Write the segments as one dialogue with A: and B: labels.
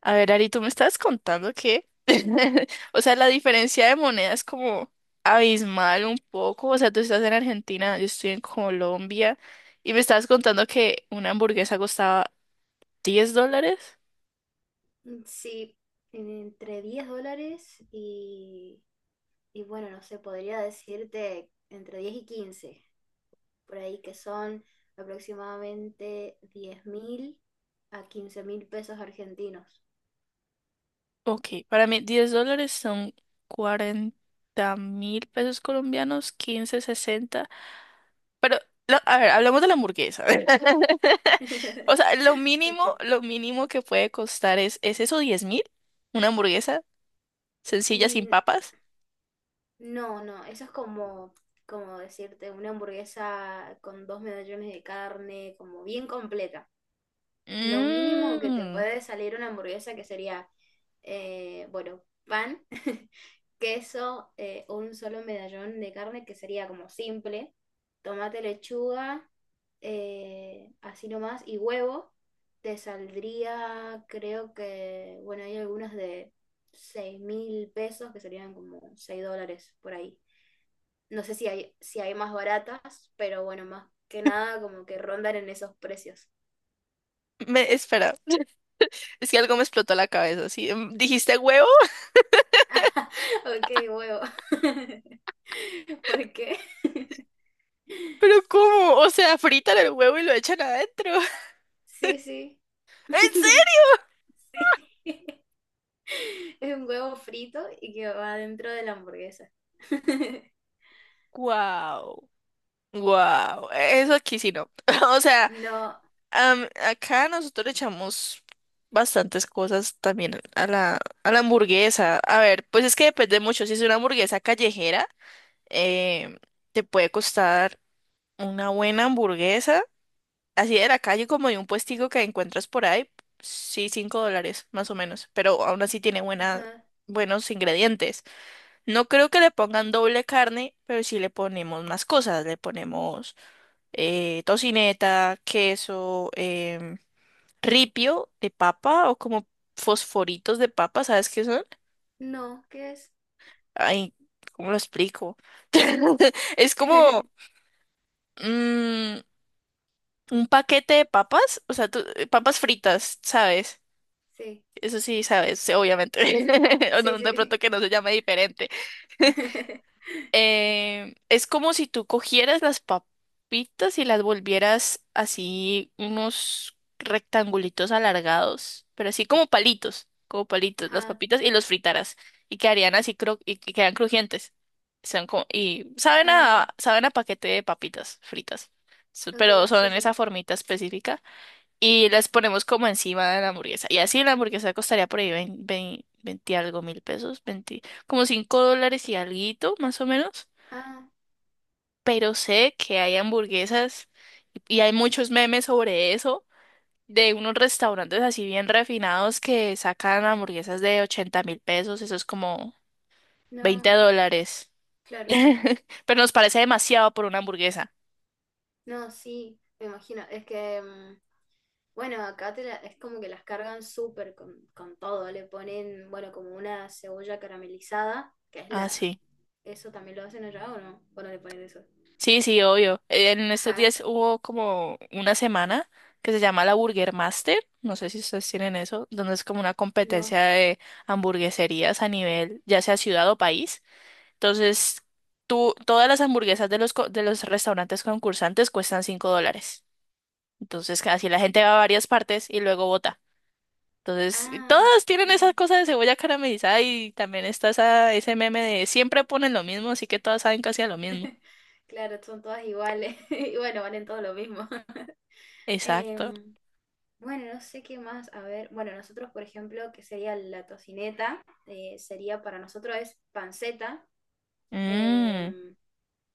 A: A ver, Ari, tú me estabas contando que, o sea, la diferencia de moneda es como abismal un poco. O sea, tú estás en Argentina, yo estoy en Colombia, y me estabas contando que una hamburguesa costaba 10 dólares.
B: Sí, entre $10 y, bueno, no sé, podría decirte entre 10 y 15 por ahí que son aproximadamente 10.000 a 15.000 pesos argentinos.
A: Ok, para mí 10 dólares son 40.000 pesos colombianos, 15 60. Pero, a ver, hablamos de la hamburguesa. O sea,
B: Ok.
A: lo mínimo que puede costar ¿es eso 10.000? ¿Una hamburguesa sencilla
B: Y
A: sin papas?
B: no, no, eso es como, decirte una hamburguesa con dos medallones de carne, como bien completa. Lo mínimo que te
A: Mmm.
B: puede salir una hamburguesa, que sería, bueno, pan, queso, un solo medallón de carne, que sería como simple, tomate, lechuga, así nomás, y huevo, te saldría, creo que, bueno, hay algunas de 6.000 pesos, que serían como $6 por ahí. No sé si hay más baratas, pero bueno, más que nada como que rondan en esos precios.
A: Espera, es que algo me explotó la cabeza, ¿sí? ¿Dijiste huevo?
B: Ok, huevo. ¿Por qué?
A: ¿Pero cómo? O sea, fritan el huevo y lo echan adentro.
B: Sí, sí.
A: ¿En serio?
B: Sí, es un huevo frito y que va dentro de la hamburguesa.
A: ¡Guau! Wow, eso aquí sí no. O sea,
B: No,
A: acá nosotros le echamos bastantes cosas también a la hamburguesa. A ver, pues es que depende mucho. Si es una hamburguesa callejera, eh, te puede costar una buena hamburguesa, así de la calle como de un puestico que encuentras por ahí, sí, 5 dólares más o menos, pero aún así tiene
B: ajá,
A: buenos ingredientes. No creo que le pongan doble carne, pero sí le ponemos más cosas, le ponemos tocineta, queso, ripio de papa o como fosforitos de papa, ¿sabes qué son?
B: no, ¿qué es?
A: Ay, ¿cómo lo explico? Es como mm, un paquete de papas, o sea, papas fritas, ¿sabes?
B: Sí,
A: Eso sí, sabes, sí, obviamente.
B: sí, sí,
A: O
B: sí, sí,
A: no, de
B: sí,
A: pronto
B: sí.
A: que no se llame diferente. Es como si tú cogieras las papitas y las volvieras así unos rectangulitos alargados, pero así como palitos, las
B: Ajá,
A: papitas y los fritaras y quedarían así cro y que quedan crujientes. Son como y saben
B: ah,
A: a saben a paquete de papitas fritas. Pero
B: ok,
A: son
B: sí,
A: en
B: sí.
A: esa formita específica y las ponemos como encima de la hamburguesa. Y así la hamburguesa costaría por ahí veinte algo mil pesos, 20 como 5 dólares y alguito, más o menos,
B: Ah,
A: pero sé que hay hamburguesas y hay muchos memes sobre eso, de unos restaurantes así bien refinados que sacan hamburguesas de 80.000 pesos, eso es como 20
B: no,
A: dólares.
B: claro,
A: Pero nos parece demasiado por una hamburguesa.
B: no, sí, me imagino, es que bueno, acá te la- es como que las cargan súper con todo. Le ponen, bueno, como una cebolla caramelizada, que es
A: Ah,
B: la...
A: sí.
B: ¿Eso también lo hacen allá o no? ¿O no le ponen eso?
A: Sí, sí, obvio. En estos
B: Ajá,
A: días hubo como una semana que se llama la Burger Master, no sé si ustedes tienen eso, donde es como una
B: no.
A: competencia de hamburgueserías a nivel, ya sea ciudad o país. Entonces, tú, todas las hamburguesas de de los restaurantes concursantes cuestan 5 dólares. Entonces, así la gente va a varias partes y luego vota. Entonces,
B: Ah,
A: todas tienen esa
B: mm,
A: cosa de cebolla caramelizada y también está ese meme de siempre ponen lo mismo, así que todas saben casi a lo mismo.
B: claro, son todas iguales. Y bueno, valen todo lo mismo.
A: Exacto.
B: Em, bueno, no sé qué más. A ver, bueno, nosotros, por ejemplo, que sería la tocineta, sería para nosotros es panceta.
A: Mm,
B: em,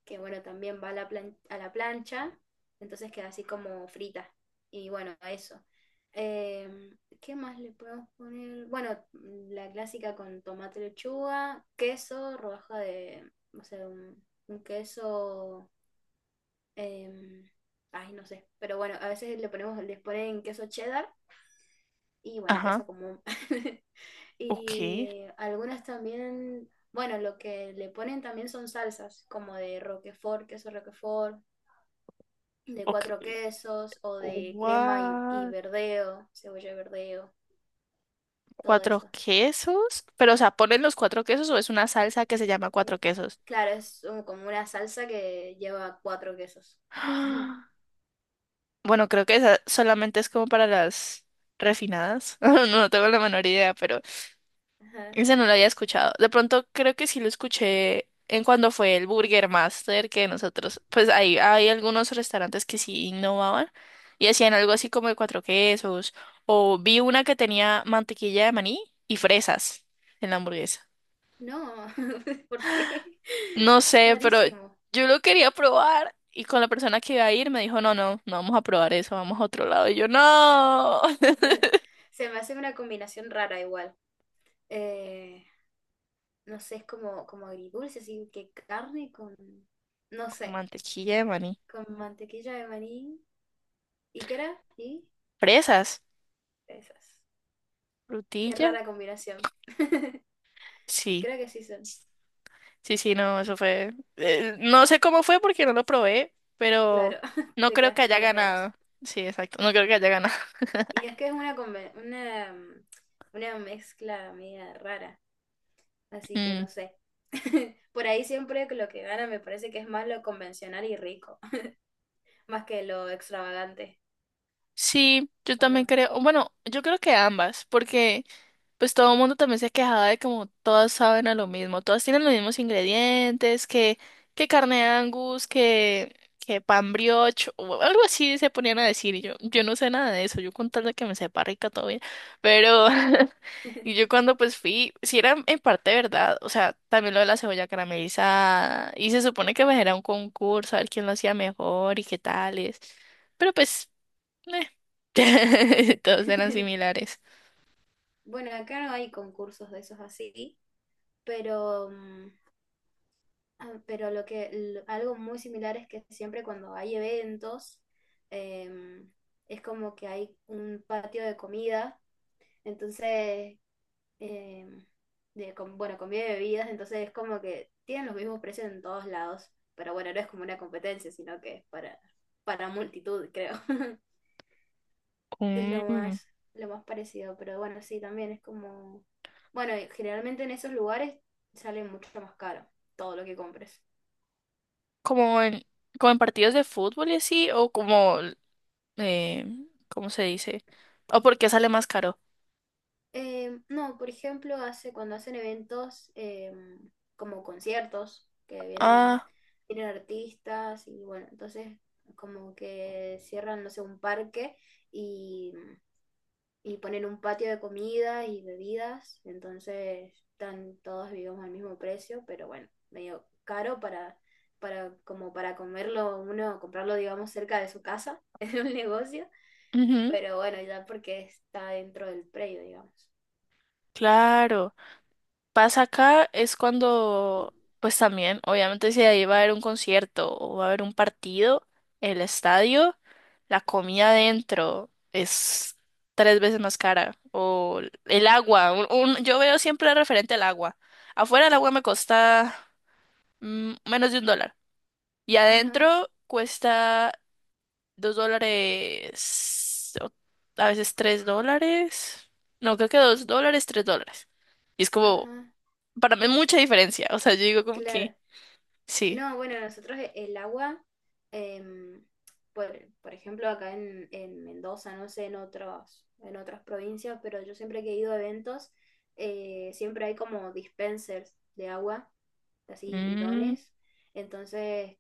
B: que bueno, también va a la, a la plancha, entonces queda así como frita. Y bueno, eso. Eh, ¿Qué más le podemos poner? Bueno, la clásica con tomate, lechuga, queso, rodaja de, o sea, un queso, em, ay, no sé, pero bueno, a veces le ponemos, les ponen queso cheddar y bueno,
A: ajá.
B: queso común.
A: Ok.
B: Y algunas también, bueno, lo que le ponen también son salsas, como de roquefort, queso roquefort, de
A: Ok.
B: cuatro quesos o de crema y
A: What?
B: verdeo, cebolla y verdeo, todo
A: ¿Cuatro
B: eso.
A: quesos? Pero, o sea, ¿ponen los cuatro quesos o es una salsa que se llama
B: Y
A: cuatro quesos?
B: claro, es como una salsa que lleva cuatro quesos.
A: Bueno, creo que esa solamente es como para las refinadas. No tengo la menor idea, pero
B: Ajá.
A: esa no la había escuchado. De pronto creo que sí lo escuché en cuando fue el Burger Master que nosotros, pues ahí hay algunos restaurantes que sí innovaban y hacían algo así como de cuatro quesos. O vi una que tenía mantequilla de maní y fresas en la hamburguesa.
B: No, ¿por qué?
A: No sé, pero
B: Rarísimo.
A: yo lo quería probar. Y con la persona que iba a ir me dijo, no, no, no vamos a probar eso, vamos a otro lado. Y yo, no.
B: Se me hace una combinación rara igual. Eh, no sé, es como, como agridulce, así que carne con, no sé,
A: Mantequilla de maní.
B: con mantequilla de maní. ¿Y qué era? Y
A: Fresas.
B: esas. Qué
A: Frutilla.
B: rara combinación.
A: Sí,
B: Creo que sí son.
A: sí, sí, no, eso fue. No sé cómo fue porque no lo probé, pero
B: Claro,
A: no
B: te
A: creo que
B: quedaste
A: haya
B: con las ganas.
A: ganado. Sí, exacto, no creo que haya ganado.
B: Y es que es una, una, una mezcla media rara, así que
A: Mm,
B: no sé. Por ahí siempre que lo que gana me parece que es más lo convencional y rico, más que lo extravagante,
A: sí, yo
B: ¿o
A: también
B: no?
A: creo. Bueno, yo creo que ambas, porque. Pues todo el mundo también se quejaba de como todas saben a lo mismo, todas tienen los mismos ingredientes, que carne de Angus, que pan brioche, o algo así se ponían a decir, y yo no sé nada de eso, yo con tal de que me sepa rica todavía, pero, y yo cuando pues fui, si era en parte verdad, o sea, también lo de la cebolla caramelizada, y se supone que pues era un concurso, a ver quién lo hacía mejor y qué tales, pero pues, todos eran similares.
B: Bueno, acá no hay concursos de esos así, pero, ah, pero lo que, algo muy similar es que siempre cuando hay eventos, em, es como que hay un patio de comida. Entonces, eh, de, con bueno, comida y bebidas, entonces es como que tienen los mismos precios en todos lados, pero bueno, no es como una competencia, sino que es para multitud, creo. Es
A: Mm.
B: lo más parecido, pero bueno, sí, también es como, bueno, y generalmente en esos lugares sale mucho más caro todo lo que compres.
A: como en, como en partidos de fútbol y así, o como, eh, ¿cómo se dice? O porque sale más caro.
B: No, por ejemplo, cuando hacen eventos como conciertos, que vienen,
A: Ah,
B: vienen artistas y bueno, entonces como que cierran, no sé, un parque y, y ponen un patio de comida y bebidas, entonces están todos, digamos, al mismo precio, pero bueno, medio caro para, como para comerlo uno, comprarlo, digamos, cerca de su casa, en un negocio,
A: ujú,
B: pero bueno, ya porque está dentro del predio, digamos.
A: claro. Pasa acá es cuando, pues también, obviamente si ahí va a haber un concierto o va a haber un partido, el estadio, la comida adentro es tres veces más cara. O el agua, yo veo siempre referente al agua. Afuera el agua me cuesta menos de 1 dólar. Y
B: Ajá.
A: adentro cuesta 2 dólares, o a veces 3 dólares. No, creo que 2 dólares, 3 dólares. Y es como,
B: Ajá,
A: para mí mucha diferencia. O sea, yo digo como que,
B: claro.
A: sí.
B: No, bueno, nosotros el agua, em, por, por ejemplo, acá en Mendoza, no sé, en otros, en otras provincias, pero yo siempre que he ido a eventos, siempre hay como dispensers de agua, así
A: Mm,
B: bidones. Entonces,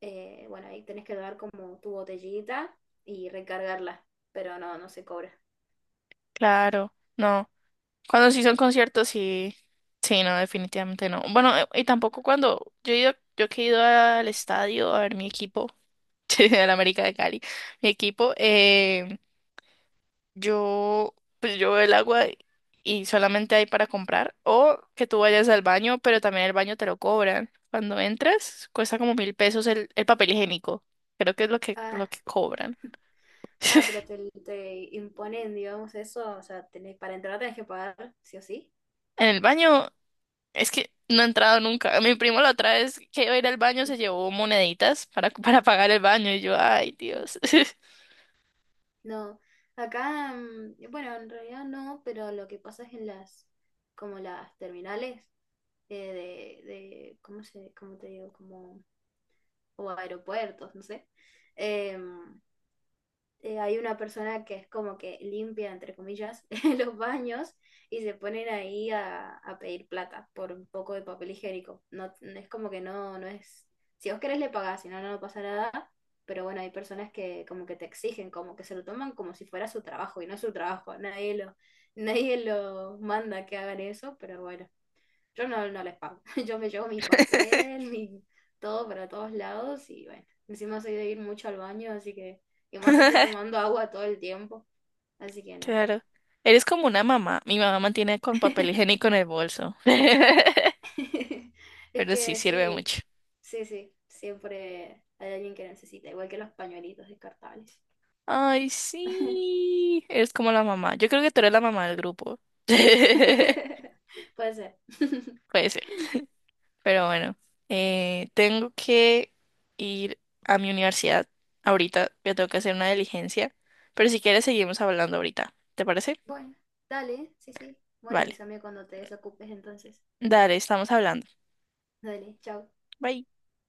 B: bueno, ahí tenés que dar como tu botellita y recargarla, pero no, no se cobra.
A: claro, no. Cuando sí son conciertos, sí. Sí, no, definitivamente no. Bueno, y tampoco cuando yo he ido, yo que he ido al estadio a ver mi equipo, el América de Cali, mi equipo. Eh, Yo, pues yo veo el agua y solamente hay para comprar. O que tú vayas al baño, pero también el baño te lo cobran. Cuando entras, cuesta como 1.000 pesos el papel higiénico. Creo que es lo que,
B: Ah,
A: lo que cobran.
B: ah, pero te imponen, digamos, eso, o sea, tenés, para entrar tenés que pagar, sí o sí.
A: En el baño, es que no he entrado nunca. Mi primo la otra vez que iba a ir al baño se llevó moneditas para pagar el baño. Y yo, ay, Dios.
B: No, acá, bueno, en realidad no, pero lo que pasa es en las, como las terminales eh, de, ¿cómo se, cómo te digo? Como, o aeropuertos, no sé. em, hay una persona que es como que limpia, entre comillas, los baños y se ponen ahí a pedir plata por un poco de papel higiénico. No, es como que no, no es... Si vos querés le pagás, si no, no pasa nada. Pero bueno, hay personas que como que te exigen, como que se lo toman como si fuera su trabajo y no es su trabajo. Nadie lo, nadie lo manda que hagan eso, pero bueno. Yo no, no les pago. Yo me llevo mi papel, mi todo para todos lados y bueno, encima soy de ir mucho al baño, así que, y más si estoy tomando agua todo el tiempo, así que no.
A: Claro. Eres como una mamá. Mi mamá mantiene con papel higiénico en el bolso.
B: Es
A: Pero sí
B: que
A: sirve
B: sí,
A: mucho.
B: sí, sí, siempre hay alguien que necesita, igual que los pañuelitos descartables.
A: Ay, sí. Eres como la mamá. Yo creo que tú eres la mamá del grupo. Puede
B: Puede ser.
A: ser. Pero bueno, tengo que ir a mi universidad ahorita. Yo tengo que hacer una diligencia. Pero si quieres, seguimos hablando ahorita. ¿Te parece?
B: Bueno, dale, sí, sí. Bueno,
A: Vale.
B: avísame cuando te desocupes entonces.
A: Dale, estamos hablando.
B: Dale, chao.
A: Bye.